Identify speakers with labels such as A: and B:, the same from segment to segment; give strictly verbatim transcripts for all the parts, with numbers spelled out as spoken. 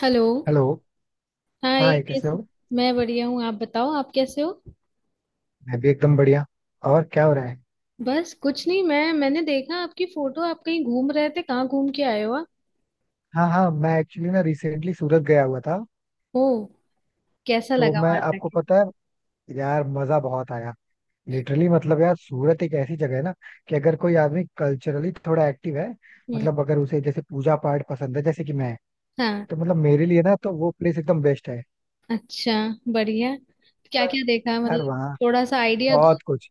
A: Hello.
B: Hello.
A: Hi
B: hi, कैसे
A: कैसे।
B: हो?
A: मैं बढ़िया हूँ, आप बताओ, आप कैसे हो।
B: मैं भी एकदम बढ़िया। और क्या हो रहा है?
A: बस कुछ नहीं, मैं मैंने देखा आपकी फोटो, आप कहीं घूम रहे थे, कहाँ घूम के आए हो आप?
B: हाँ हाँ, मैं एक्चुअली ना रिसेंटली सूरत गया हुआ था।
A: ओ। कैसा
B: तो
A: लगा
B: मैं
A: वहां
B: आपको
A: जाके?
B: पता है, यार मजा बहुत आया। लिटरली मतलब यार, सूरत एक ऐसी जगह है ना, कि अगर कोई आदमी कल्चरली थोड़ा एक्टिव है,
A: हम्म।
B: मतलब अगर उसे जैसे पूजा पाठ पसंद है, जैसे कि मैं,
A: हाँ।
B: तो मतलब मेरे लिए ना तो वो प्लेस एकदम बेस्ट है।
A: अच्छा। बढ़िया। क्या
B: पर
A: क्या देखा
B: यार
A: मतलब?
B: वहाँ
A: थोड़ा सा आइडिया दो।
B: बहुत कुछ।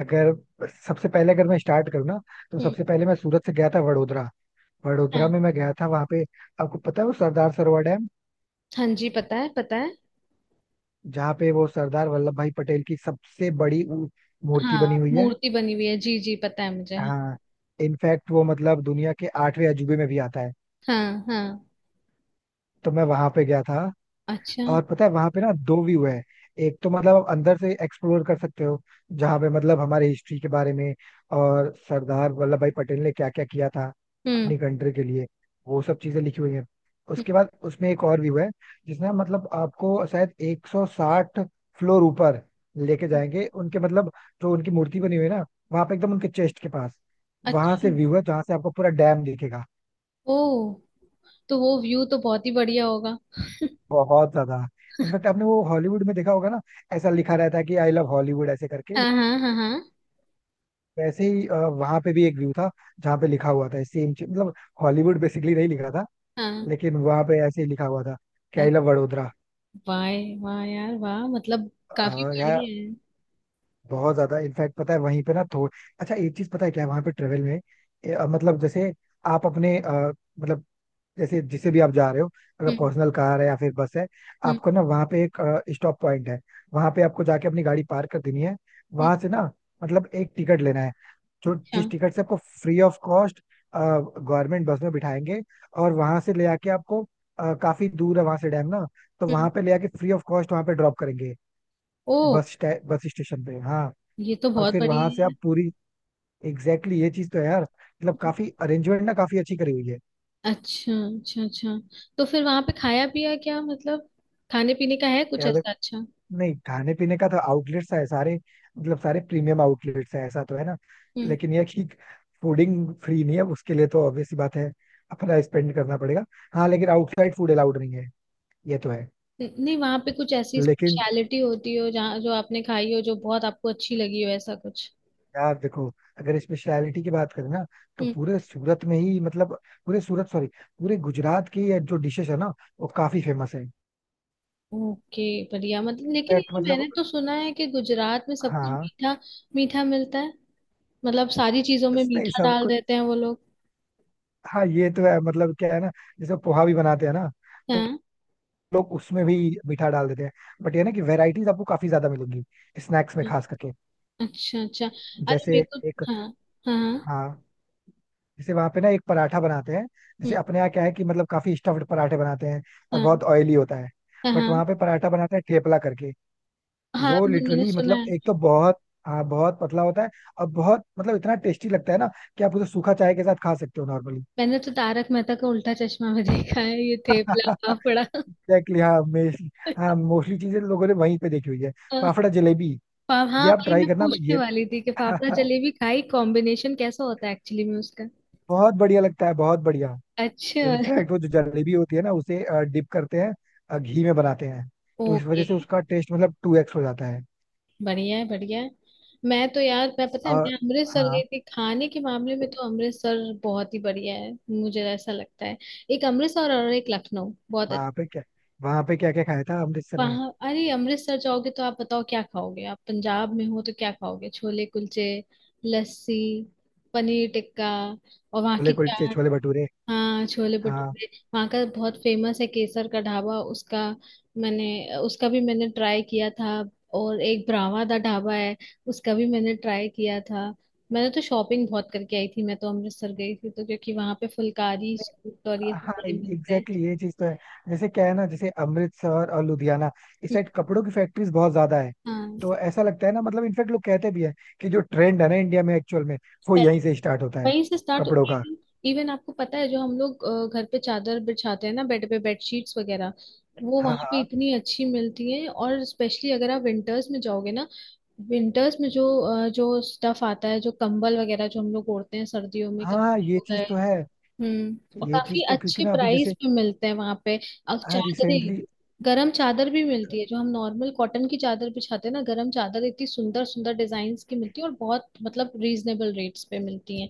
B: अगर सबसे पहले अगर मैं स्टार्ट करूँ ना, तो
A: हम्म।
B: सबसे पहले मैं सूरत से गया था वडोदरा। वडोदरा
A: हाँ
B: में मैं गया था, वहाँ पे आपको पता है वो सरदार सरोवर डैम,
A: हाँ जी, पता है पता है।
B: जहाँ पे वो सरदार वल्लभ भाई पटेल की सबसे बड़ी उ- मूर्ति बनी
A: हाँ
B: हुई है।
A: मूर्ति बनी हुई है, जी जी पता है मुझे, हाँ।
B: हाँ, इनफैक्ट वो मतलब दुनिया के आठवें अजूबे में भी आता है।
A: हाँ हाँ।
B: तो मैं वहां पे गया था।
A: अच्छा। हम्म।
B: और पता है वहां पे ना दो व्यू है। एक तो मतलब आप अंदर से एक्सप्लोर कर सकते हो, जहाँ पे मतलब हमारे हिस्ट्री के बारे में और सरदार वल्लभ भाई पटेल ने क्या क्या किया था अपनी कंट्री के लिए, वो सब चीजें लिखी हुई हैं।
A: हम्म।
B: उसके बाद उसमें एक और व्यू है, जिसमें मतलब आपको शायद एक सौ साठ फ्लोर ऊपर लेके जाएंगे। उनके मतलब जो उनकी मूर्ति बनी हुई है ना, वहां पे एकदम उनके चेस्ट के पास, वहां
A: अच्छा।
B: से व्यू है जहाँ से आपको पूरा डैम दिखेगा।
A: ओ। तो वो व्यू तो बहुत ही बढ़िया होगा।
B: बहुत ज्यादा। इनफैक्ट आपने वो हॉलीवुड में देखा होगा ना, ऐसा लिखा रहता है कि आई लव हॉलीवुड ऐसे करके,
A: हाँ हाँ हाँ हाँ।
B: वैसे ही अ, वहां पे भी एक व्यू था, जहाँ पे लिखा हुआ था सेम चीज, मतलब हॉलीवुड बेसिकली नहीं लिखा था,
A: हाँ।
B: लेकिन वहां पे ऐसे ही लिखा हुआ था कि
A: अरे।
B: I love Vadodara.
A: वाह। वाह यार वाह मतलब।
B: अ,
A: काफी बड़ी
B: यार
A: है।
B: बहुत ज्यादा। इनफैक्ट पता है वहीं पे ना थोड़ा अच्छा एक चीज पता है क्या है वहां पे ट्रेवल में, अ, मतलब जैसे आप अपने अ, मतलब जैसे जिसे भी आप जा रहे हो, अगर
A: हम्म।
B: पर्सनल कार है या फिर बस है,
A: हम्म।
B: आपको ना वहाँ पे एक स्टॉप पॉइंट है, वहाँ पे आपको जाके अपनी गाड़ी पार्क कर देनी है।
A: हम्म।
B: वहां से ना मतलब एक टिकट लेना है, जो
A: अच्छा।
B: जिस टिकट से आपको free of cost government bus में बिठाएंगे, और वहां से ले आके आपको, अ, काफी दूर है वहां से डैम ना, तो
A: हम्म।
B: वहां पे ले आके फ्री ऑफ कॉस्ट वहां पे ड्रॉप करेंगे,
A: ओ।
B: बस स्टे- बस स्टेशन पे। हाँ,
A: ये तो
B: और
A: बहुत
B: फिर
A: बड़ी
B: वहां से
A: है।
B: आप पूरी एग्जैक्टली exactly, ये चीज तो है यार, मतलब काफी अरेंजमेंट ना काफी अच्छी करी हुई है।
A: अच्छा अच्छा अच्छा। तो फिर वहां पे खाया पिया क्या मतलब? खाने पीने का है कुछ
B: यार
A: ऐसा अच्छा?
B: नहीं, खाने पीने का तो आउटलेट्स है सारे, मतलब सारे प्रीमियम आउटलेट्स है, ऐसा तो है ना।
A: हम्म।
B: लेकिन यह कि फूडिंग फ्री नहीं है, उसके लिए तो ऑब्वियस सी बात है, अपना स्पेंड करना पड़ेगा। हाँ, लेकिन आउटसाइड फूड अलाउड नहीं है, ये तो है।
A: न- नहीं वहां पे कुछ ऐसी
B: लेकिन
A: स्पेशलिटी होती हो जहाँ जो आपने खाई हो, जो बहुत आपको अच्छी लगी हो, ऐसा कुछ?
B: यार देखो, अगर स्पेशलिटी की बात करें ना, तो
A: हम्म।
B: पूरे सूरत में ही मतलब, पूरे सूरत सॉरी, पूरे गुजरात की ये जो डिशेस है ना, वो काफी फेमस है।
A: ओके। बढ़िया, मतलब लेकिन
B: इनफैक्ट
A: ये
B: मतलब,
A: मैंने तो सुना है कि गुजरात में सब कुछ
B: हाँ,
A: मीठा मीठा मिलता है। मतलब सारी चीजों में
B: बस नहीं
A: मीठा
B: सब
A: डाल
B: कुछ।
A: देते हैं वो लोग।
B: हाँ, ये तो है। मतलब क्या है ना, जैसे पोहा भी बनाते हैं ना, तो
A: हाँ।
B: लोग उसमें भी मीठा डाल देते हैं। बट ये ना कि वेराइटीज आपको काफी ज्यादा मिलेंगी, स्नैक्स में खास करके।
A: अच्छा अच्छा। अरे मेरे
B: जैसे
A: को।
B: एक,
A: हाँ। हाँ हाँ।
B: हाँ, जैसे वहां पे ना एक पराठा बनाते हैं। जैसे
A: हम्म।
B: अपने यहाँ क्या है कि मतलब काफी स्टफ्ड पराठे बनाते हैं और
A: हाँ
B: बहुत ऑयली होता है, बट
A: हाँ।
B: वहां पे पराठा बनाते हैं ठेपला करके।
A: हाँ
B: वो
A: वो मैंने
B: लिटरली
A: सुना
B: मतलब
A: है।
B: एक तो बहुत, हाँ बहुत पतला होता है, और बहुत मतलब इतना टेस्टी लगता है ना, कि आप उसे सूखा चाय के साथ खा सकते हो नॉर्मली।
A: मैंने तो तारक मेहता का उल्टा चश्मा में देखा है, ये थेपला फाफड़ा।
B: एग्जैक्टली हाँ मेरी, हाँ, मोस्टली चीजें लोगों ने वहीं पे देखी हुई है।
A: हाँ।
B: फाफड़ा जलेबी,
A: पा- हाँ,
B: ये आप
A: वही
B: ट्राई
A: मैं
B: करना
A: पूछने
B: ये
A: वाली थी कि फाफड़ा जलेबी खाई, कॉम्बिनेशन कैसा होता है एक्चुअली में उसका?
B: बहुत बढ़िया लगता है बहुत बढ़िया।
A: अच्छा।
B: इनफैक्ट वो जो जलेबी होती है ना, उसे डिप करते हैं अ, घी में बनाते हैं, तो इस वजह
A: ओके।
B: से उसका टेस्ट मतलब टू एक्स हो जाता है।
A: बढ़िया है बढ़िया है। मैं तो यार मैं पता है
B: और
A: मैं अमृतसर
B: हाँ,
A: गई थी, खाने के मामले में तो अमृतसर बहुत ही बढ़िया है, मुझे ऐसा लगता है। एक अमृतसर और एक लखनऊ बहुत।
B: वहाँ पे क्या, वहाँ पे क्या क्या खाया था अमृतसर में?
A: वहां अरे अमृतसर जाओगे तो आप बताओ क्या खाओगे, आप पंजाब में हो तो क्या खाओगे, छोले कुलचे। लस्सी। पनीर टिक्का। और वहाँ की
B: छोले कुलचे,
A: चाट।
B: छोले भटूरे।
A: हाँ छोले
B: हाँ,
A: भटूरे। वहाँ का बहुत फेमस है केसर का ढाबा उसका। मैंने उसका भी मैंने ट्राई किया था। और एक ब्रावा दा ढाबा है। उसका भी मैंने ट्राई किया था। मैंने तो शॉपिंग बहुत करके आई थी, मैं तो अमृतसर गई थी, तो क्योंकि वहां पे फुलकारी
B: नहीं,
A: सूट और ये सब
B: हाँ
A: बड़े मिलते हैं।
B: एग्जैक्टली ये चीज तो है। जैसे क्या है ना, जैसे अमृतसर और लुधियाना, इस साइड कपड़ों की फैक्ट्रीज बहुत ज्यादा है।
A: हाँ।
B: तो ऐसा लगता है ना, मतलब इनफैक्ट लोग कहते भी हैं कि जो ट्रेंड है ना इंडिया में, एक्चुअल में वो यहीं से स्टार्ट होता है,
A: वहीं से स्टार्ट,
B: कपड़ों का।
A: इवन इवन आपको पता है जो हम लोग अ, घर पे चादर बिछाते हैं ना, बेड पे, बेड शीट्स वगैरह। वो
B: हाँ
A: वहां पे
B: हाँ
A: इतनी अच्छी मिलती है और स्पेशली अगर आप विंटर्स में जाओगे ना। विंटर्स में जो अ, जो स्टफ आता है, जो कंबल वगैरह जो हम लोग ओढ़ते हैं सर्दियों में,
B: हाँ,
A: कंबल
B: ये
A: हो
B: चीज
A: गए।
B: तो है।
A: हम्म। और
B: ये
A: काफी
B: चीज तो क्योंकि
A: अच्छे
B: ना अभी
A: प्राइस
B: जैसे,
A: पे मिलते हैं वहां पे। अब
B: हाँ
A: चादरें।
B: रिसेंटली।
A: गरम चादर भी मिलती है, जो हम नॉर्मल कॉटन की चादर बिछाते हैं ना, गरम चादर इतनी सुंदर सुंदर डिजाइन की मिलती है और बहुत मतलब रीजनेबल रेट्स पे मिलती है।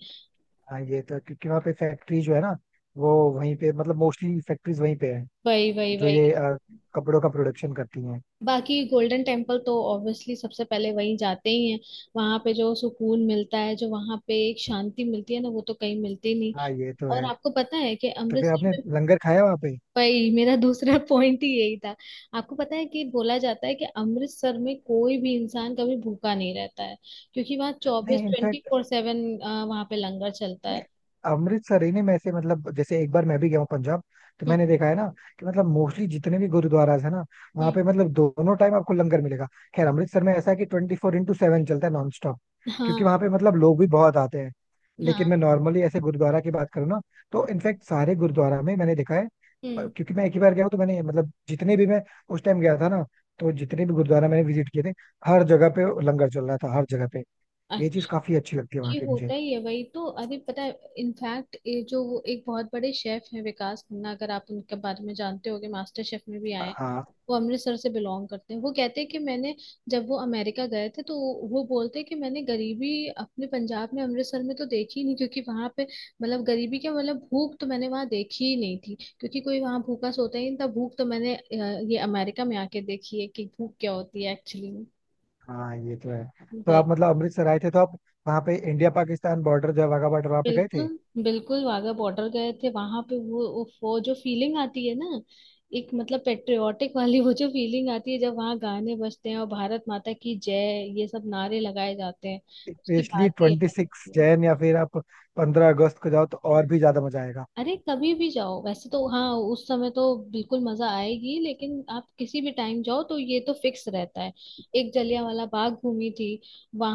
B: हाँ ये तो क्योंकि वहाँ पे फैक्ट्री जो है ना, वो वहीं पे मतलब, मोस्टली फैक्ट्रीज वहीं पे है,
A: वही वही
B: जो
A: वही।
B: ये अ, कपड़ों का प्रोडक्शन करती हैं।
A: बाकी गोल्डन टेम्पल तो ऑब्वियसली सबसे पहले वहीं जाते ही हैं। वहां पे जो सुकून मिलता है, जो वहां पे एक शांति मिलती है ना, वो तो कहीं मिलती नहीं।
B: हाँ ये तो
A: और
B: है।
A: आपको पता है कि
B: तो फिर
A: अमृतसर
B: आपने
A: में।
B: लंगर खाया वहाँ पे?
A: भाई मेरा दूसरा पॉइंट ही यही था। आपको पता है कि बोला जाता है कि अमृतसर में कोई भी इंसान कभी भूखा नहीं रहता है। क्योंकि वहाँ चौबीस
B: नहीं,
A: ट्वेंटी
B: इनफैक्ट
A: फोर सेवन वहां पे लंगर चलता
B: नहीं,
A: है।
B: अमृतसर ही नहीं, मैं ऐसे मतलब जैसे एक बार मैं भी गया हूँ पंजाब, तो
A: हम्म।
B: मैंने देखा है ना कि मतलब मोस्टली जितने भी गुरुद्वाराज है ना, वहाँ
A: हम्म।
B: पे मतलब दोनों टाइम आपको लंगर मिलेगा। खैर अमृतसर में ऐसा है कि ट्वेंटी फोर इंटू सेवन चलता है नॉन स्टॉप, क्योंकि
A: हाँ।
B: वहाँ पे मतलब लोग भी बहुत आते हैं।
A: हाँ।
B: लेकिन मैं नॉर्मली ऐसे गुरुद्वारा की बात करूँ ना, तो इनफैक्ट सारे गुरुद्वारा में मैंने देखा है, अ,
A: हम्म।
B: क्योंकि मैं एक ही बार गया हूँ, तो मैंने मतलब जितने भी मैं उस टाइम गया था ना, तो जितने भी गुरुद्वारा मैंने विजिट किए थे, हर जगह पे लंगर चल रहा था, हर जगह पे। ये चीज काफी अच्छी लगती है वहाँ
A: ये
B: की मुझे।
A: होता ही है, वही तो, अरे पता है। इनफैक्ट ये जो वो एक बहुत बड़े शेफ हैं विकास खन्ना, अगर आप उनके बारे में जानते होगे, मास्टर शेफ में भी आए हैं।
B: हाँ
A: वो अमृतसर से बिलोंग करते हैं, वो कहते हैं कि मैंने। जब वो अमेरिका गए थे तो। वो बोलते हैं कि मैंने गरीबी अपने पंजाब में अमृतसर में तो देखी ही नहीं, क्योंकि वहां पे। मतलब गरीबी क्या, मतलब भूख तो मैंने वहां देखी ही नहीं थी, क्योंकि कोई वहां भूखा सोता ही नहीं था, भूख तो मैंने अ, ये अमेरिका में आके देखी है कि भूख क्या होती है एक्चुअली
B: हाँ ये तो है। तो
A: में।
B: आप मतलब अमृतसर आए थे, तो आप वहाँ पे इंडिया पाकिस्तान बॉर्डर जो है, वाघा बॉर्डर, वहाँ पे गए थे?
A: बिल्कुल बिल्कुल वाघा बॉर्डर गए थे वहां पे, वो उफ, वो जो फीलिंग आती है ना। एक मतलब पेट्रियोटिक वाली, वो जो फीलिंग आती है जब वहाँ गाने बजते हैं और भारत माता की जय ये सब नारे लगाए जाते हैं। उसकी
B: स्पेशली
A: बात ही
B: ट्वेंटी
A: अलग
B: सिक्स
A: होती है।
B: जैन या फिर आप पंद्रह अगस्त को जाओ, तो और भी ज्यादा मजा आएगा।
A: अरे कभी भी जाओ वैसे तो, हाँ। उस समय तो। बिल्कुल मजा आएगी लेकिन आप किसी भी टाइम जाओ तो ये तो फिक्स रहता है। एक जलियांवाला बाग घूमी थी।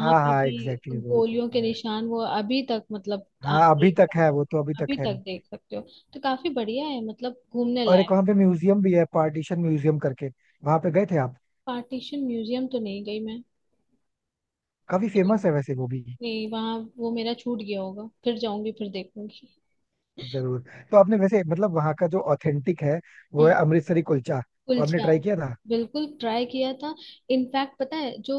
B: हाँ
A: पे
B: हाँ
A: भी।
B: एग्जैक्टली, वो चीज
A: गोलियों
B: तो
A: के
B: है।
A: निशान वो अभी तक मतलब आप
B: हाँ, अभी
A: देख
B: तक है
A: सकते
B: वो, तो अभी
A: हो, अभी
B: तक है।
A: तक देख सकते हो। तो काफी बढ़िया है मतलब, घूमने
B: और एक
A: लायक।
B: वहाँ पे म्यूजियम भी है, पार्टीशन म्यूजियम करके, वहाँ पे गए थे आप?
A: पार्टीशन म्यूजियम तो नहीं गई मैं।
B: काफी फेमस है वैसे वो भी।
A: नहीं वहाँ वो मेरा छूट गया होगा, फिर जाऊंगी, फिर देखूंगी।
B: जरूर। तो आपने वैसे मतलब वहाँ का जो ऑथेंटिक है, वो है अमृतसरी कुलचा, वो आपने
A: कुलचा।
B: ट्राई किया था?
A: बिल्कुल ट्राई किया था। इनफैक्ट पता है जो,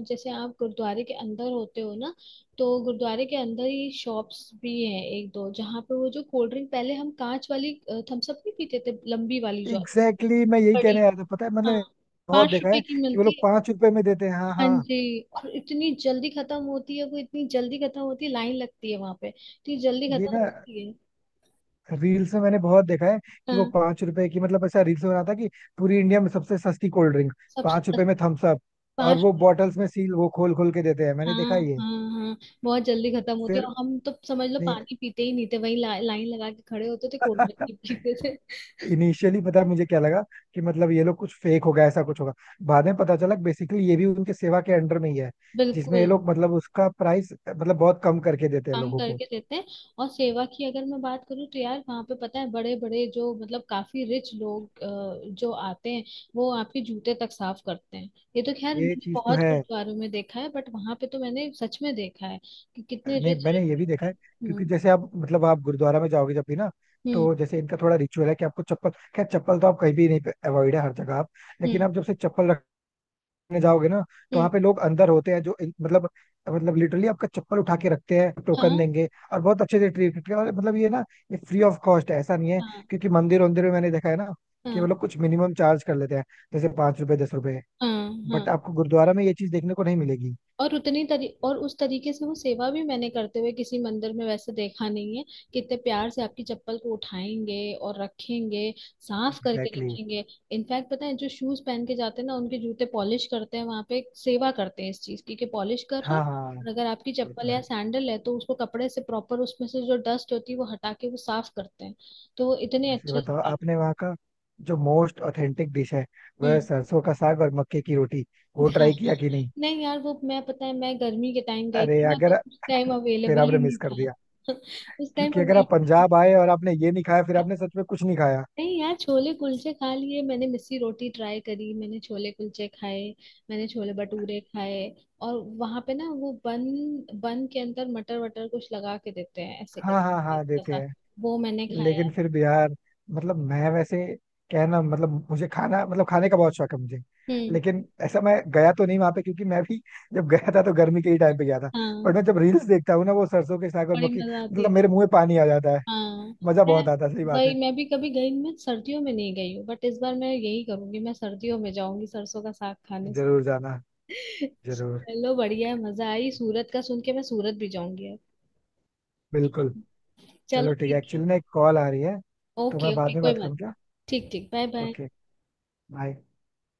A: अ, जैसे आप गुरुद्वारे के अंदर होते हो ना। तो गुरुद्वारे के अंदर ही शॉप्स भी हैं एक दो, जहाँ पे वो जो कोल्ड ड्रिंक, पहले हम कांच वाली। थम्स अप नहीं पीते थे, लंबी वाली जो।
B: एग्जैक्टली exactly, मैं यही कहने
A: बड़ी।
B: आया था, पता है
A: हाँ।
B: मतलब बहुत
A: पांच
B: देखा है
A: रुपए की
B: कि वो
A: मिलती
B: लोग
A: है।
B: पांच रुपए में देते हैं। हाँ
A: हाँ
B: हाँ,
A: जी, और इतनी जल्दी खत्म होती है, वो इतनी जल्दी खत्म होती है, लाइन लगती है वहां पे, इतनी जल्दी
B: ये
A: खत्म
B: ना
A: होती है।
B: रील्स में मैंने बहुत देखा है कि वो
A: हाँ।
B: पांच रुपए की, मतलब ऐसा रील्स बना था कि पूरी इंडिया में सबसे सस्ती कोल्ड ड्रिंक
A: सबसे
B: पांच रुपए में,
A: सस्ती।
B: Thums Up. और
A: पांच।
B: वो बॉटल्स में सील वो खोल खोल के देते हैं, मैंने
A: हाँ
B: देखा ये।
A: हाँ हाँ। बहुत जल्दी खत्म होती है,
B: फिर
A: और हम तो समझ लो
B: नहीं
A: पानी पीते ही नहीं थे, वही ला, लाइन लगा के खड़े होते थे, कोल्ड ड्रिंक ही पीते थे।
B: इनिशियली पता है मुझे क्या लगा, कि मतलब ये लोग कुछ फेक होगा, ऐसा कुछ होगा। बाद में पता चला बेसिकली ये भी उनके सेवा के अंडर में ही है, जिसमें ये
A: बिल्कुल।
B: लोग मतलब उसका प्राइस मतलब बहुत कम करके देते हैं
A: कम
B: लोगों को।
A: करके देते हैं। और सेवा की अगर मैं बात करूँ तो यार, वहाँ पे पता है बड़े बड़े जो मतलब काफी रिच लोग अ, जो आते हैं। वो आपके जूते तक साफ करते हैं। ये तो खैर
B: ये
A: मैंने
B: चीज तो
A: बहुत
B: है।
A: गुरुद्वारों में देखा है, बट वहां पे तो मैंने सच में देखा है। कि कितने
B: नहीं,
A: रिच
B: मैंने
A: रिच
B: ये भी
A: लोग
B: देखा है,
A: हैं।
B: क्योंकि
A: हम्म।
B: जैसे आप मतलब आप गुरुद्वारा में जाओगे जब भी ना,
A: हम्म।
B: तो जैसे इनका थोड़ा रिचुअल है कि आपको चप्पल, खैर चप्पल तो आप कहीं भी नहीं, अवॉइड है हर जगह आप, लेकिन
A: हम्म।
B: आप जब से चप्पल रखने जाओगे ना, तो
A: हम्म।
B: वहाँ पे लोग अंदर होते हैं जो इन- मतलब, मतलब लिटरली आपका चप्पल उठा के रखते हैं, टोकन
A: हाँ
B: देंगे, और बहुत अच्छे से ट्रीट करते हैं, और मतलब ये ना, ये फ्री ऑफ कॉस्ट है ऐसा नहीं है।
A: हाँ
B: क्योंकि मंदिर वंदिर में मैंने देखा है ना कि वो
A: हाँ
B: लोग कुछ मिनिमम चार्ज कर लेते हैं, जैसे पाँच रुपए, दस रुपए,
A: हाँ
B: बट
A: हाँ।
B: आपको गुरुद्वारा में ये चीज देखने को नहीं मिलेगी।
A: और उतनी तरी और उस तरीके से वो सेवा भी मैंने करते हुए किसी मंदिर में वैसे देखा नहीं है। कितने प्यार से आपकी चप्पल को उठाएंगे। और रखेंगे। साफ करके
B: एग्जैक्टली exactly।
A: रखेंगे। इनफैक्ट पता है, जो शूज पहन के जाते हैं ना उनके जूते पॉलिश करते हैं वहां पे, सेवा करते हैं इस चीज की कि पॉलिश कर रहे हैं।
B: हाँ हाँ,
A: और अगर आपकी
B: वो तो
A: चप्पल या
B: है।
A: सैंडल है तो उसको कपड़े से प्रॉपर उसमें से जो डस्ट होती है वो हटा के वो साफ करते हैं। तो वो इतने
B: वैसे
A: अच्छे से
B: बताओ
A: करते
B: आपने वहाँ का जो मोस्ट ऑथेंटिक डिश है,
A: हैं।
B: वह सरसों का साग और मक्के की रोटी, वो
A: हाँ।
B: ट्राई किया कि नहीं?
A: नहीं यार, वो मैं पता है मैं गर्मी के टाइम गई
B: अरे
A: थी ना तो
B: अगर
A: उस टाइम
B: फिर
A: अवेलेबल ही
B: आपने मिस
A: नहीं
B: कर दिया,
A: था। उस टाइम
B: क्योंकि अगर आप
A: अवेलेबल।
B: पंजाब आए और आपने ये नहीं खाया, फिर आपने सच में कुछ नहीं खाया।
A: नहीं यार, छोले कुलचे खा लिए मैंने, मिस्सी रोटी ट्राई करी मैंने, छोले कुलचे खाए। मैंने छोले भटूरे खाए। और। वहां पे ना वो बन बन के अंदर मटर वटर कुछ लगा के देते हैं ऐसे
B: हाँ हाँ
A: करके,
B: हाँ
A: अच्छा
B: देते
A: सा।
B: हैं।
A: वो मैंने खाया।
B: लेकिन फिर भी यार, मतलब मैं वैसे कहना, मतलब मुझे खाना मतलब खाने का बहुत शौक है मुझे,
A: हम्म।
B: लेकिन ऐसा मैं गया तो नहीं वहां पे, क्योंकि मैं भी जब गया था तो गर्मी के ही टाइम पे गया था।
A: हाँ।
B: बट मैं जब रील्स देखता हूँ ना वो सरसों के साग और
A: बड़ी
B: मक्की,
A: मजा आती है।
B: मतलब मेरे मुंह में पानी आ जाता है।
A: हाँ।
B: मजा
A: मैं।
B: बहुत आता, सही बात है।
A: वही मैं भी कभी गई, मैं सर्दियों में नहीं गई हूँ बट इस बार मैं यही करूंगी, मैं सर्दियों में जाऊंगी सरसों का साग खाने से।
B: जरूर जाना, जरूर।
A: चलो बढ़िया है, मजा आई सूरत का सुन के, मैं सूरत भी जाऊंगी अब।
B: बिल्कुल। चलो
A: चलो
B: ठीक है,
A: ठीक है।
B: एक्चुअली ना एक कॉल आ रही है, तो
A: ओके
B: मैं
A: ओके
B: बाद में
A: कोई
B: बात
A: बात
B: करूँ
A: नहीं।
B: क्या?
A: ठीक ठीक बाय बाय।
B: Okay, bye.